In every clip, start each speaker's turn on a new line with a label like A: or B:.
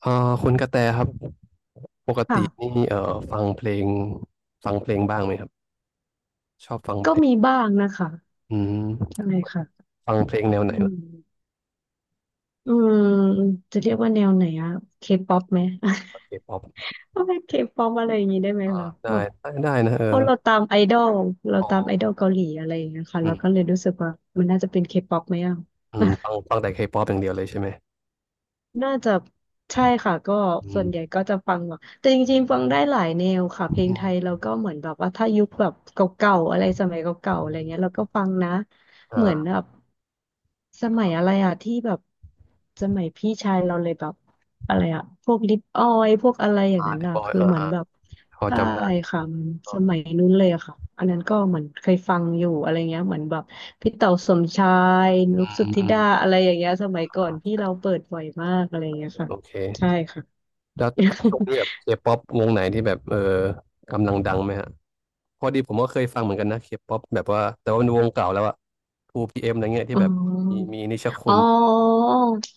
A: เอ่อคุณกระแตครับปกติ
B: ค่ะ
A: นี่ฟังเพลงฟังเพลงบ้างไหมครับชอบฟังเพ
B: ก็
A: ล
B: มี
A: ง
B: บ้างนะคะ
A: อืม
B: ใช่ค่ะ
A: ฟังเพลงแนวไหน
B: อื
A: ล่ะ
B: มอืมจะเรียกว่าแนวไหนอะเคป๊อปไหม
A: เคป๊อป
B: ก็เป็นเคป๊อปอะไรอย่างนี้ได้ไหม
A: อ่า
B: คะ
A: ได้
B: แบบ
A: ได้นะเออ
B: เพราะเราตามไอดอลเรา
A: อ๋อ
B: ตามไอดอลเกาหลีอะไรอย่างเงี้ยค่ะ
A: อื
B: เรา
A: ม
B: ก็เลยรู้สึกว่ามันน่าจะเป็นเคป๊อปไหมอะ
A: ฟังแต่เคป๊อปอย่างเดียวเลยใช่ไหม
B: น่าจะใช่ค่ะก็
A: อื
B: ส่วนใหญ่
A: ม
B: ก็จะฟังแบบแต่จริงๆฟังได้หลายแนวค่ะ
A: อ
B: เพลง
A: ื
B: ไท
A: ม
B: ยเราก็เหมือนแบบว่าถ้ายุคแบบเก่าๆอะไรสมัยเก่าๆอะ
A: อื
B: ไรเงี้ย
A: ม
B: เราก็ฟังนะเหมือน
A: อ่า
B: แบบสมัยอะไรอะที่แบบสมัยพี่ชายเราเลยแบบอะไรอะพวกลิปออยพวกอะไรอย่าง
A: อ่า
B: นั้น
A: เด
B: อะ
A: บอย
B: คือ
A: อ่า
B: เหมือน
A: อ่า
B: แบบ
A: พอ
B: ใช่
A: จำได้
B: ค่ะมันสมัยนู้นเลยอะค่ะอันนั้นก็เหมือนเคยฟังอยู่อะไรเงี้ยเหมือนแบบพี่เต๋าสมชายนุ
A: อื
B: กสุท
A: ม
B: ธิ
A: อืม
B: ดาอะไรอย่างเงี้ยสมัยก่อ
A: อ่า
B: นพี่
A: ใช่
B: เราเปิดบ่อยมากอะไรเงี้ยค่ะ
A: โอเค
B: ใช่ค่ะ
A: แล้ว ช่วงนี้แบบเคป๊อปวงไหนที่แบบเออกำลังดังไหมฮะ พอดีผมก็เคยฟังเหมือนกันนะเคป๊อปแบบว่าแต่ว่ามันวงเก่าแล้วอะทูพีเอมอะไรเงี้ย
B: อ๋
A: ที่
B: อ
A: แบบมีนิชคุ
B: อ๋อ
A: ณ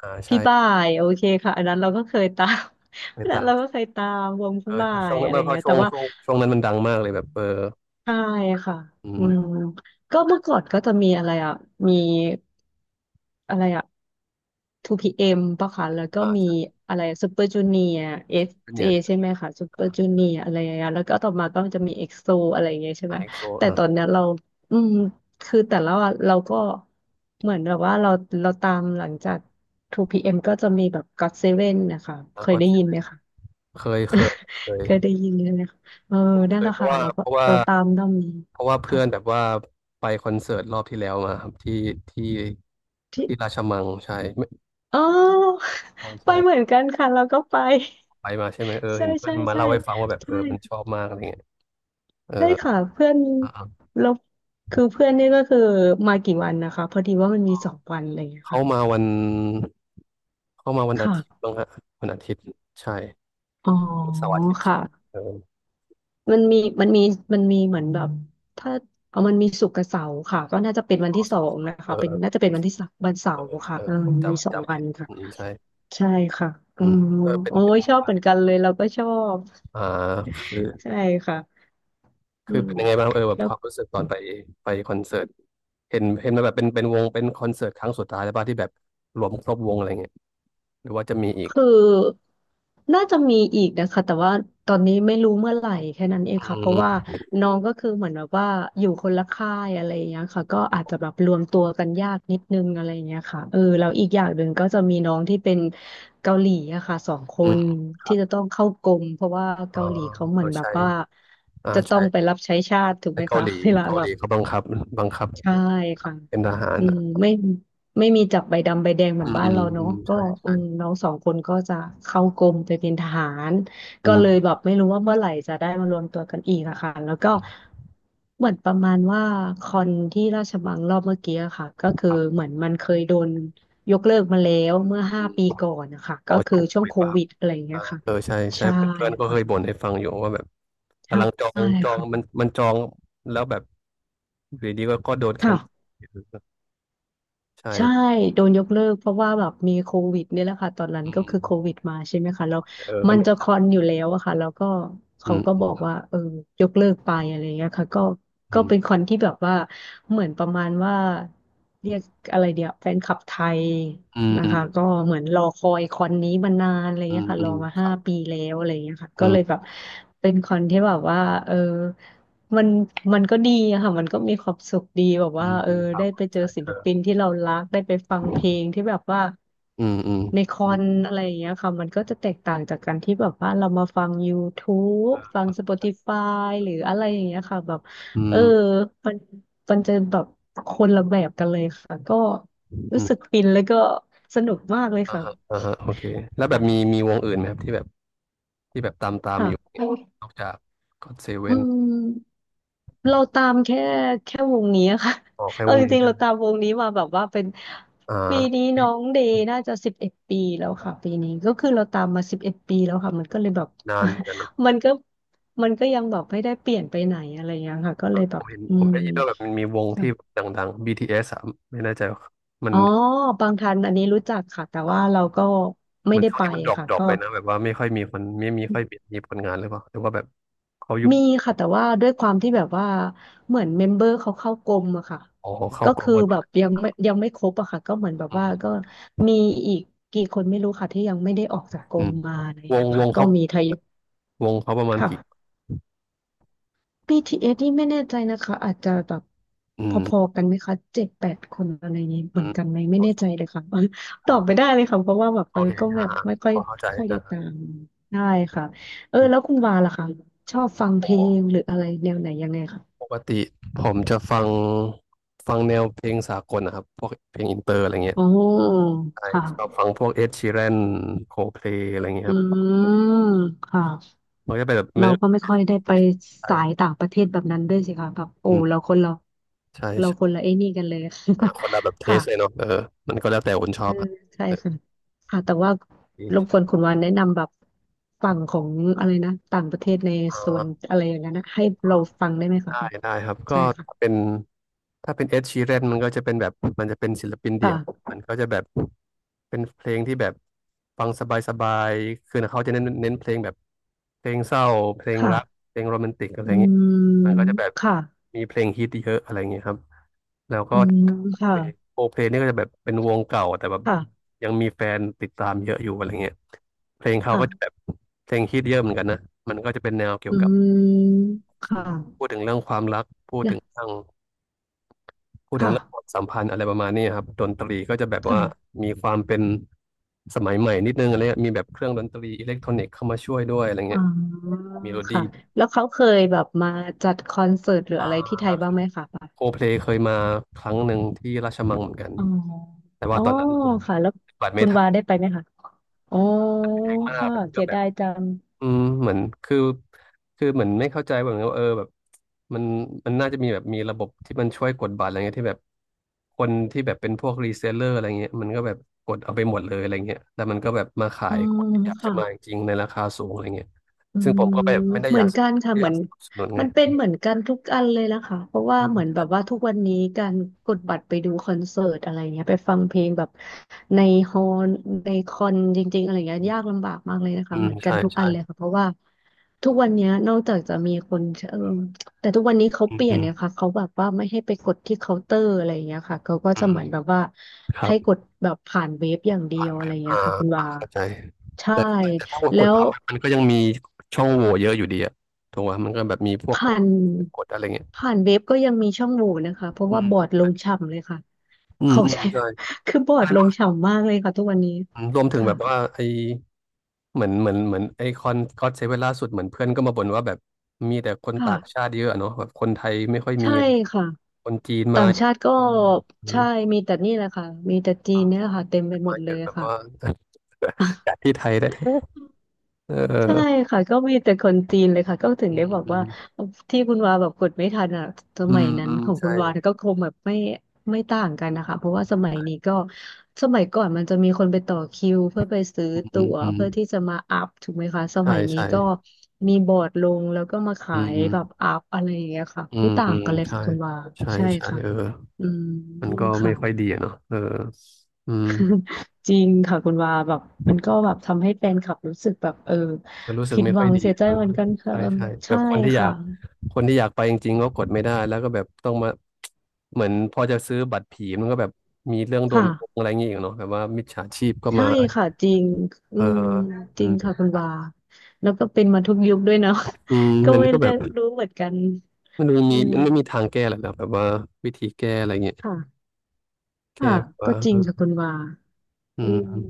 A: อ่าใช่
B: พี่บ่ายโอเคค่ะอันนั้นเราก็เคยตาม
A: ไป
B: อันนั้น
A: ตาม
B: เราก็เคยตามวง
A: เอ
B: พี่
A: อ
B: บ่า
A: ถ้าช่
B: ย
A: วงนั้
B: อะ
A: น
B: ไร
A: เพ
B: เงี้
A: ราะ
B: ย
A: ช่
B: แต่
A: วง
B: ว่า
A: ช่วงช่วงนั้นมันดังมากเลยแบบเออ
B: ใช่ค่ะ
A: อื
B: อืม
A: ม
B: ก็เมื่อก่อนก็จะมีอะไรอ่ะมีอะไรอ่ะ 2PM ปะคะแล้วก็
A: อ่า
B: มี
A: ใช่
B: อะไรซูเปอร์จูเนียร์ SJ
A: เนี่ย
B: ใช่ไหมคะซูเปอร์จูเนียร์อะไรอย่างเงี้ยแล้วก็ต่อมาก็จะมีเอ็กโซอะไรอย่างเงี้ยใช่ไห
A: อ่า
B: ม
A: เอ็กโซ
B: แต่
A: อ่า
B: ตอนเนี้ยเราอืมคือแต่ละวันเราก็เหมือนแบบว่าเราตามหลังจาก 2PM ก็จะมีแบบก็ o เซเว่นนะคะ
A: แล้
B: เค
A: ว
B: ย
A: ก็
B: ได้ยินไหมคะ
A: เคยเคยเค ย
B: เคยได้ยินเลยนะคะเออ
A: เค
B: นั่นแห
A: ย
B: ละ
A: เพราะ
B: ค่ะ
A: ว่า
B: เราก็เราตามด้อมนี้
A: เพราะว่าเพื่
B: ค่ะ
A: อนแบบว่าไปคอนเสิร์ตรอบที่แล้วมาครับที่ที่รา
B: ที่
A: ชมังใช่ไม่
B: อ๋อ
A: ใช่
B: ไป
A: ใช่
B: เหมือนกันค่ะเราก็ไป
A: ไปมาใช่ไหมเออ
B: ใช่
A: เห็นเพื่อ
B: ใช่
A: นมา
B: ใช่
A: เล่าให้ฟังว่าแบบเอ
B: ใช่
A: อมันชอบมากอะไรเงี้ยเออ
B: ใช่ค่ะเพื่อนเราคือเพื่อนนี่ก็คือมากี่วันนะคะพอดีว่ามันมีสองวันอะไรอย่างเงี้ย
A: เขา
B: ค่ะ
A: มาวันเขามาวันอาทิตย์
B: ค่ะ
A: บ้างฮะวันอาทิตย์ใช่
B: อ๋อ
A: มีเสาร์อาทิตย์ใช่
B: ค่ะ
A: ไหมเออ
B: มันมีมันมีมันมีเหมือนแบบถ้าเอามันมีศุกร์กับเสาร์ค่ะก็น่าจะเป็นวัน
A: อ๋อ
B: ที่ส
A: เสา
B: อ
A: ร์อา
B: ง
A: ทิต
B: นะ
A: ย์เอ
B: คะเป็
A: อ
B: นน่าจะเป็นวันที่สามวันเสา
A: เออ
B: ร์
A: เออ
B: ค่ะ
A: เอ
B: เอ
A: อ
B: อ
A: ผม
B: มีสอง
A: จำ
B: วั
A: ผิ
B: น
A: ด
B: ค่ะ
A: อืมใช่
B: ใช่ค่ะอื
A: อืม
B: ม
A: เออเป็น
B: โอ้ย
A: ยังไง
B: ชอบ
A: บ้า
B: เห
A: ง
B: มือนกันเลยเราก็ชอบ
A: อ่าคือ
B: ใช่ค่ะอื
A: คือ
B: ม
A: เป็นยังไงบ้างเออแบบ
B: แล้
A: ค
B: ว
A: วามรู้สึกตอนไปไปคอนเสิร์ตเห็นมาแบบเป็นวงเป็นคอนเสิร์ตครั้งสุดท้ายแล้วป่ะที่แบบรวมครบวงอะไรเงี้ยหรือว่าจะมีอีก
B: คือน่าจะมีอีกนะคะแต่ว่าตอนนี้ไม่รู้เมื่อไหร่แค่นั้นเอง
A: อื
B: ค่ะเพราะว่า
A: ม
B: น้องก็คือเหมือนแบบว่าอยู่คนละค่ายอะไรอย่างเงี้ยค่ะก็อาจจะแบบรวมตัวกันยากนิดนึงอะไรอย่างเงี้ยค่ะเออแล้วอีกอย่างหนึ่งก็จะมีน้องที่เป็นเกาหลีอะค่ะสองค
A: อื
B: น
A: ม
B: ที่จะต้องเข้ากรมเพราะว่า
A: อ๋อ
B: เกาหลีเขาเหมือ
A: เรา
B: นแบบ
A: ใช้
B: ว่า
A: อ่า
B: จะต้อ
A: ใช้
B: งไปรับใช้ชาติถูก
A: ใน
B: ไหม
A: เกา
B: คะ
A: หลี
B: เวลา
A: เกา
B: แบ
A: ห
B: บ
A: ลีเขาบังคับบังคับ
B: ใช่ค่ะ
A: เป็นทหาร
B: อืมไม่มีจับใบดำใบแดงเหมือ
A: อื
B: น
A: ม
B: บ้า
A: อื
B: น
A: ม
B: เรา
A: อื
B: เนาะ
A: ม
B: ก็
A: ใช่
B: อื
A: ใช่
B: มน้องสองคนก็จะเข้ากรมไปเป็นทหาร
A: อื
B: ก็เลย
A: ม
B: แบบไม่รู้ว่าเมื่อไหร่จะได้มารวมตัวกันอีกอะค่ะแล้วก็เหมือนประมาณว่าคอนที่ราชบัลลังก์รอบเมื่อกี้อะค่ะก็คือ
A: ครั
B: เห
A: บ
B: มือนมันเคยโดนยกเลิกมาแล้วเมื่อ
A: อื
B: ห้า
A: ม
B: ปีก่อนนะคะ
A: พ
B: ก็
A: อ
B: คือ
A: ชุก
B: ช่วง
A: คุย
B: โค
A: เปรับ
B: วิดอะไรอย่างเงี้
A: อ่า
B: ยค่ะ
A: เออใช่ใช่
B: ใช่
A: เพื่อนเพื่อนก็เคยบ่
B: ค่ะ
A: นให้ฟังอยู่ว่าแบบ
B: ใช
A: กำลังจอ
B: ่
A: งจองมัน
B: ค่ะ
A: มันจองแล้วแบบอยู่ดีๆก็โดนแคน
B: ค่ะ ใช่
A: ใช่
B: โดนยกเลิกเพราะว่าแบบมีโควิดเนี่ยแหละค่ะตอนนั้น
A: อื
B: ก็คือโค
A: ม
B: วิดมาใช่ไหมคะแล้ว
A: เออ
B: มั
A: ก็
B: น
A: โด
B: จะคอ
A: น
B: นอยู่แล้วอะค่ะแล้วก็
A: อื
B: เขา
A: ม
B: ก็บอกว่าเออยกเลิกไปอะไรเงี้ยค่ะก็
A: อืม
B: เป็นคอนที่แบบว่าเหมือนประมาณว่าเรียกอะไรเดียวแฟนคลับไทย
A: อืม
B: นะ
A: อืม
B: คะก็เหมือนรอคอยคอนนี้มานานอะไร
A: อื
B: เงี้ย
A: ม
B: ค่ะ
A: อื
B: รอ
A: ม
B: มา
A: ค
B: ห้า
A: รับ
B: ปีแล้วอะไรเงี้ยค่ะ
A: อื
B: ก็เลย
A: ม
B: แบบเป็นคอนที่แบบว่าเออ มันมันก็ดีอะค่ะมันก็มีความสุขดีแบบ
A: อื
B: ว่า
A: ม
B: เออ
A: อืมครั
B: ได้
A: บ
B: ไปเจอ
A: ใช่
B: ศิ
A: เอ
B: ล
A: อ
B: ปินที่เรารักได้ไปฟังเพลงที่แบบว่า
A: อืมอืม
B: ในคอ
A: อืม
B: นอะไรอย่างเงี้ยค่ะมันก็จะแตกต่างจากการที่แบบว่าเรามาฟัง YouTube ฟัง Spotify หรืออะไรอย่างเงี้ยค่ะแบบ
A: อื
B: เออมันมันจะแบบคนละแบบกันเลยค่ะก็
A: มอื
B: รู้
A: ม
B: สึกฟินแล้วก็สนุกมากเลย
A: อ่า
B: ค่ะ
A: ฮะอ่าฮะโอเคแล้วแบ
B: ค่ะ
A: บมีวงอื่นไหมครับที่แบบที่แบบตาม
B: ค่ะ
A: อยู่เนี่ยนอกจากก็อดเซเว่
B: อื
A: น
B: ม เราตามแค่วงนี้อะค่ะ
A: ออก แค่
B: เอา
A: วง
B: จ
A: นี้
B: ริงๆ
A: ใช่
B: เรา
A: ไหม
B: ตามวงนี้มาแบบว่าเป็น
A: อ่า
B: ปีนี้
A: ปี
B: น้องเดย์น่าจะสิบเอ็ดปีแล้วค่ะปีนี้ก็คือเราตามมาสิบเอ็ดปีแล้วค่ะมันก็เลยแบบ
A: นานเหมือนกันเนอะ
B: มันก็ยังแบบไม่ได้เปลี่ยนไปไหนอะไรอย่างเงี้ยค่ะก็เลยแบ
A: ผ
B: บ
A: มเห็น
B: อื
A: ผม
B: ม
A: ได้ยินว่าแบบมันมีวง
B: ค่ะ
A: ที่ดังๆ BTS อสอะไม่แน่ใจว่ามัน
B: อ๋อบางทันอันนี้รู้จักค่ะแต่ว่า
A: อ่า
B: เราก็
A: เห
B: ไม่
A: มือน
B: ได้
A: ช่วง
B: ไป
A: นี้มัน
B: ค่ะ
A: ดรอป
B: ก็
A: ไปนะแบบว่าไม่ค่อยมีคนไม่มีค่อยมีผลงานหรือเปล่าหรือว่าแบบเขายุบ
B: มีค่ะแต่ว่าด้วยความที่แบบว่าเหมือนเมมเบอร์เขาเข้ากรมอะค่ะ
A: อ๋อเข้า
B: ก็
A: กรม
B: คือ
A: หมดเล
B: แบบ
A: ย
B: ยังไม่ครบอะค่ะก็เหมือนแบบ
A: อื
B: ว่า
A: ม
B: ก็มีอีกกี่คนไม่รู้ค่ะที่ยังไม่ได้ออกจากกร
A: อื
B: ม
A: ม
B: มาอะไรอย่าง
A: ว
B: เงี้
A: ง
B: ย
A: ว
B: ค่ะ
A: ง
B: ก็
A: เขา
B: มีทยอย
A: วงเขาประมาณกี่
B: ค่ะ BTS นี่ไม่แน่ใจนะคะอาจจะแบบ
A: อื
B: พอ
A: ม
B: ๆกันไหมคะ7-8 คนอะไรอย่างนี้เห
A: อื
B: มือน
A: ม
B: กันไหมไม่
A: โอ
B: แน่ใจ
A: เค
B: เลยค่ะ ต
A: ครั
B: อบ
A: บ
B: ไม่ได้เลยค่ะเพราะว่าแบบ
A: โอเค
B: ก็แบ
A: อ่า
B: บ
A: ฮะ
B: ไม่ค่อย
A: พอเข้าใจ
B: ค่อยได้
A: นะฮะ
B: ตามได้ค่ะเออ
A: อืม
B: แล้วคุณวาล่ะคะชอบ
A: ผ
B: ฟั
A: ม
B: ง
A: บ
B: เพล
A: อก
B: งหรืออะไรแนวไหนยังไงคะ
A: ปกติผมจะฟังฟังแนวเพลงสากลนะครับพวกเพลงอินเตอร์อะไรเงี้ย
B: โอ้
A: ใช่
B: ค
A: ชอบ
B: ่ะ
A: ฟังพวกเอ็ดชีแรนโคเพลอะไรเงี้ย
B: อื
A: ครับ
B: มค่ะ
A: มันก็เป็นแบบมั
B: เรา
A: น
B: ก็
A: ก็
B: ไม่ค่อยได้ไปสาย
A: ใช่
B: ต่างประเทศแบบนั้นด้วยสิคะแบบโอ้
A: อืม
B: เรา
A: ใช่
B: เราคน
A: ใช่
B: ละไอ้นี่กันเลย
A: อ่ะคนละแบบ เท
B: ค่ะ
A: สเลยเนาะเออมันก็แล้วแต่คนชอ
B: เอื
A: บ
B: ม
A: อ่ะ
B: ใช่
A: เออ
B: ค่ะค่ะแต่ว่ารบกวนคุณวานแนะนำแบบฝั่งของอะไรนะต่างประเทศใน
A: อ่า
B: ส่วนอะไรอย่างนั้นนะให้เราฟังได้ไหมคะ
A: ได้ได้ครับก็
B: ใช่
A: ถ้า
B: ค่ะ
A: เป็นถ้าเป็นเอ s ชีแรนมันก็จะเป็นแบบมันจะเป็นศิลปินเดี่ยว
B: ค่ะ
A: มันก็จะแบบ เป็นเพลงที่แบบฟังสบายๆคือเขาจะเน้นเพลงแบบเพลงเศร้าเพลงรัก
B: ค่ะ
A: เพลงโรแมนติกอะไร
B: อื
A: เงี้ย
B: ม
A: มันก็จะแบบ
B: ค่ะ
A: มีเพลงฮิตเยอะอะไรเงี้ยครับแล้วก็
B: อืมค่ะ
A: โอเพลงนี่ก็จะแบบเป็นวงเก่าแต่แบบ
B: ค่ะ
A: ยังมีแฟนติดตามเยอะอยู่อะไรเงี้ยเพลงเขาก็จะแบ
B: ค่ะ
A: บเพลงฮิตเยอะเหมือนกันนะมันก็จะเป็นแนวเกี่ย
B: อื
A: วกับ
B: ม
A: ชี
B: ค่ะ
A: วิตพูดถึงเรื่องความรักพูดถึง
B: นะ
A: เรื่อง พูดถึง
B: ค่ะ
A: เรื่องความสัมพันธ์อะไรประมาณนี้ครับดนตรีก็จะแบบว่า
B: ค่ะ
A: มีความเป็นสมัยใหม่นิดนึงอะไรเงี้ยมีแบบเครื่องดนตรีอิเล็กทรอนิกส์เข้ามาช่วยด้วยอะไร
B: อ๋
A: เงี้ย
B: อ
A: มีโรดี
B: ค่ะ แล้วเขาเคยแบบมาจัดคอนเสิร์ตหรือ
A: อ่
B: อะไรที่ไทยบ้าง
A: า
B: ไหมคะปบ
A: โคเพลเคยมาครั้งหนึ่งที่ราชมังเหมือนกัน
B: อ๋อ
A: แต่
B: อ๋
A: ว่า
B: อ
A: ตอนนั้นผม
B: ค่ะ แล้ว
A: ปฏิบัติ
B: คุ
A: ไม่
B: ณ
A: ทั
B: วาได้
A: น
B: ไปไหมคะอ๋อ
A: แพงมากแล้ว
B: ค่ะ
A: มันก็
B: เสีย
A: แบบ
B: ดายจัง
A: อืมเหมือนคือคือเหมือนไม่เข้าใจแบบนี้ว่าเออแบบมันมันน่าจะมีแบบมีระบบที่มันช่วยกดบัตรอะไรเงี้ยที่แบบคนที่แบบเป็นพวกรีเซลเลอร์อะไรเงี้ยมันก็แบบกดเอาไปหมดเลยอะไรเงี้ยแล้วมันก็แบบมาขา
B: อ๋อ
A: ยคนที่อยากจะ
B: ค่ะ
A: มาจริงๆในราคาสูงอะไรเงี้ย
B: อื
A: ซึ่งผม
B: ม
A: ก็แบบไม่ได้
B: เห
A: อ
B: มือ
A: ยา
B: น
A: ก
B: กันค่ะ
A: ไม่
B: เห
A: อ
B: มื
A: ยา
B: อ
A: ก
B: น
A: สนับสนุนไง
B: มันเป็นเหมือนกันทุกอันเลยนะคะเพราะว่า
A: อื
B: เหมือนแบ
A: ม
B: บว่าทุกวันนี้การกดบัตรไปดูคอนเสิร์ตอะไรเงี้ยไปฟังเพลงแบบในฮอลในคอนจริงๆอะไรเงี้ยยากลำบากมากเลยนะ
A: อื
B: คะเห
A: ม
B: มือนกัน
A: ใช่
B: ทุกอั
A: ใช่
B: นเลยค่ะเพราะว่าทุกวันเนี้ยนอกจากจะมีคนเออแต่ทุกวันนี้เขา
A: อื
B: เป
A: ม
B: ลี่ย
A: อื
B: น
A: ม
B: เนี่ยค่ะเขาแบบว่าไม่ให้ไปกดที่เคาน์เตอร์อะไรเงี้ยค่ะเขาก็
A: อื
B: จะ
A: ม
B: เหมือนแบบว่า
A: ครั
B: ให้
A: บ
B: กดแบบผ่านเว็บอย่างเดีย
A: ผ่า
B: ว
A: น
B: อะ
A: แบ
B: ไร
A: บ
B: เงี้
A: เอ่า
B: ยค่ะคุณ
A: อ่ะ
B: ว่า
A: เข้าใจ
B: ใช่
A: แต่แต่ถ้าก
B: แล้
A: ด
B: ว
A: พับมันก็ยังมีช่องโหว่เยอะอยู่ดีอะถูกไหมมันก็แบบมีพวก
B: ผ่าน
A: กดอะไรเงี้ย
B: ผ่านเว็บก็ยังมีช่องโหว่นะคะเพราะ
A: อื
B: ว่า
A: ม
B: บอร์ดลงฉ่ำเลยค่ะ
A: อืม
B: เขา
A: อืม
B: ใช้
A: ใช่
B: คือบอร์ดลง
A: ใช่
B: ฉ่ำมากเลยค่ะทุกวันนี้
A: รวมถึง
B: ค่ะ
A: แบบว่าไอเหมือนไอคอนก็อดเซเว่นล่าสุดเหมือนเพื่อนก็มาบ่นว่าแบบมีแต่คนต่าง
B: ค่ะ
A: ชาติเยอะอะเนาะแบบคนไทยไม่ค่อยมี
B: ใช่
A: เลย
B: ค่ะ
A: คนจีนมา
B: ต่างชาติก็
A: อืม
B: ใช่
A: เอ
B: มีแต่นี่แหละค่ะมีแต่จี
A: อา
B: นเนี่ยแหละค่ะเต็มไปหม
A: มา
B: ดเล
A: เย
B: ย
A: อะแบบ
B: ค่ะ
A: ว่า จากที่ไทยแท้ๆเออ
B: ใช่ค่ะก็มีแต่คนจีนเลยค่ะก็ถึง
A: อื
B: ได้
A: ม
B: บอก
A: อื
B: ว่า
A: ม
B: ที่คุณวาแบบกดไม่ทันอ่ะส
A: อื
B: มัย
A: ม
B: นั้
A: อื
B: น
A: ม
B: ของ
A: ใช่
B: คุณวาก็คงแบบไม่ต่างกันนะคะเพราะว่าส
A: อื
B: มัยนี้ก็สมัยก่อนมันจะมีคนไปต่อคิวเพื่อไปซื้อ
A: ม
B: ตั๋ว
A: อืม
B: เพื่อที่จะมาอัพถูกไหมคะส
A: ใช่
B: มัยนี้
A: ใช่
B: ก็มีบอร์ดลงแล้วก็มาขา
A: อื
B: ย
A: ม
B: แบบอัพอะไรอย่างเงี้ยค่ะ
A: อื
B: ไม่
A: ม
B: ต่า
A: อื
B: ง
A: ม
B: กันเลย
A: ใช่
B: ค่ะคุณวา
A: ใช่
B: ใช่
A: ใช่
B: ค่ะ
A: เออ
B: อืม
A: มันก็ไม่
B: ค่ะ
A: ค่อยดีอะเนาะเอออืม
B: จริงค่ะคุณวาแบบมันก็แบบทำให้แฟนคลับรู้สึกแบบเออ
A: มันรู้สึก
B: ผิด
A: ไม่
B: หวั
A: ค่อย
B: ง
A: ดี
B: เสียใจ
A: เออ
B: เหมือนกันค่ะ
A: ใช่
B: เออ
A: ใช่แบ
B: ใช่
A: บคนที่อยา
B: ค่ะ
A: กคนที่อยากไปจริงๆก็กดไม่ได้ แล้วก็แบบต้องมา เหมือนพอจะซื้อบัตรผีมันก็แบบมีเรื่องโดนโกง
B: ค่ะ
A: อะไรอย่างเงี้ยอีกเนาะแบบว่ามิจฉาชีพก็
B: ใช่
A: มา
B: ค่ะจริงอื
A: เออ
B: มจ
A: อื
B: ริงค่ะ
A: ม
B: คุณวาแล้วก็เป็นมาทุกยุคด้วยเนาะ
A: อืม
B: ก็
A: มัน
B: ไม่
A: ก็แบ
B: ได้
A: บ
B: รู้เหมือนกันอืม
A: มันไม่มีทางแก้หรอกนะแบบว่าวิธีแก้อะไรเงี้ย
B: ค่ะค่ะ
A: แก้แบบว่
B: ก็จริงค่ะ
A: า
B: คุณวา
A: เออ
B: อืม
A: อืม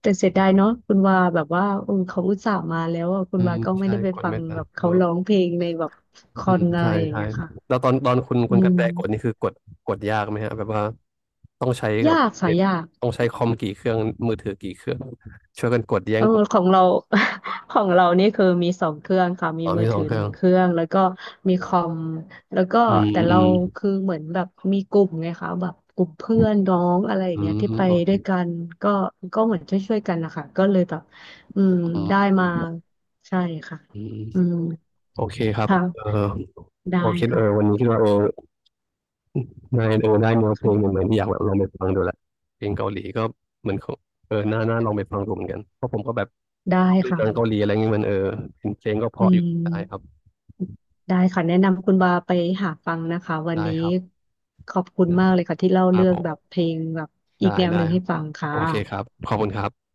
B: แต่เสียดายเนาะคุณวาแบบว่าเออเขาอุตส่าห์มาแล้วอะคุณ
A: อื
B: วา
A: ม
B: ก็ไม่
A: ใช่
B: ได้ไป
A: กด
B: ฟัง
A: ไม่ทั
B: แบ
A: น
B: บ
A: เอ
B: เขา
A: อ
B: ร้องเพลงในแบบค
A: อื
B: อ
A: ม
B: นอะ
A: ใช่
B: ไรอย่าง
A: ใช่
B: เงี้ยค่ะ
A: แล้วตอน
B: อื
A: คุณกระแตกดนี่
B: ม
A: คือกดกดยากไหมฮะแบบว่าต้องใช้กับ
B: ยากค่ะ
A: เน็ต
B: ยาก
A: ต้องใช้คอมกี่เครื่องมือถือกี่เครื่องช่วยกันกดแย่
B: เอ
A: ง
B: อ
A: กด
B: ของเรา ของเรานี่คือมี2 เครื่องค่ะมี
A: อ๋อ
B: มื
A: มี
B: อ
A: สอ
B: ถื
A: ง
B: อ
A: เค
B: ห
A: รื่
B: นึ่
A: อ
B: ง
A: ง
B: เครื่องแล้วก็มีคอมแล้วก็
A: อืม
B: แต่
A: อื
B: เรา
A: ม
B: คือเหมือนแบบมีกลุ่มไงคะแบบกลุ่มเพื่อนน้องอะไรอย่า
A: อื
B: งเงี้ย
A: ม
B: ที่ไป
A: โอเค
B: ด้วยกันก็ก็เหมือนช่วยๆกันนะคะก็เลยแบบอืม
A: อืม
B: ได้
A: อื
B: มา
A: ม
B: ใช่ค่ะ
A: อืม
B: อืม
A: โอเคครับเออ
B: ค่ะ
A: โอ
B: ได้
A: เคเอ
B: ค่ะ
A: อวันนี้คิดว่าเออนายเออได้เนื้อเพลงเหมือนอยากแบบลองไปฟังดูแหละเพลงเกาหลีก็เหมือนเขาเออน่าลองไปฟังดูเหมือนกันเพราะผมก็แบบ
B: ได้
A: ชอบดูหนังเกา
B: ค่ะ
A: หลีอะไรเงี้ยมันเออเพลงก็เพ
B: อื
A: ราะอยู่ได้ครับ
B: ม ได้ค่ะแนะนำคุณบาไปหาฟังนะคะวัน
A: ได้
B: นี้
A: ครับ
B: ขอบคุณมากเลยค่ะที่เล่า
A: ครั
B: เรื่
A: บ
B: อ
A: ผ
B: งแบบ
A: ม
B: เพลงแบบอีก
A: ได้
B: แนวห
A: ได้
B: นึ่งให้ฟังค่ะ
A: โอเคครับขอบคุณครับ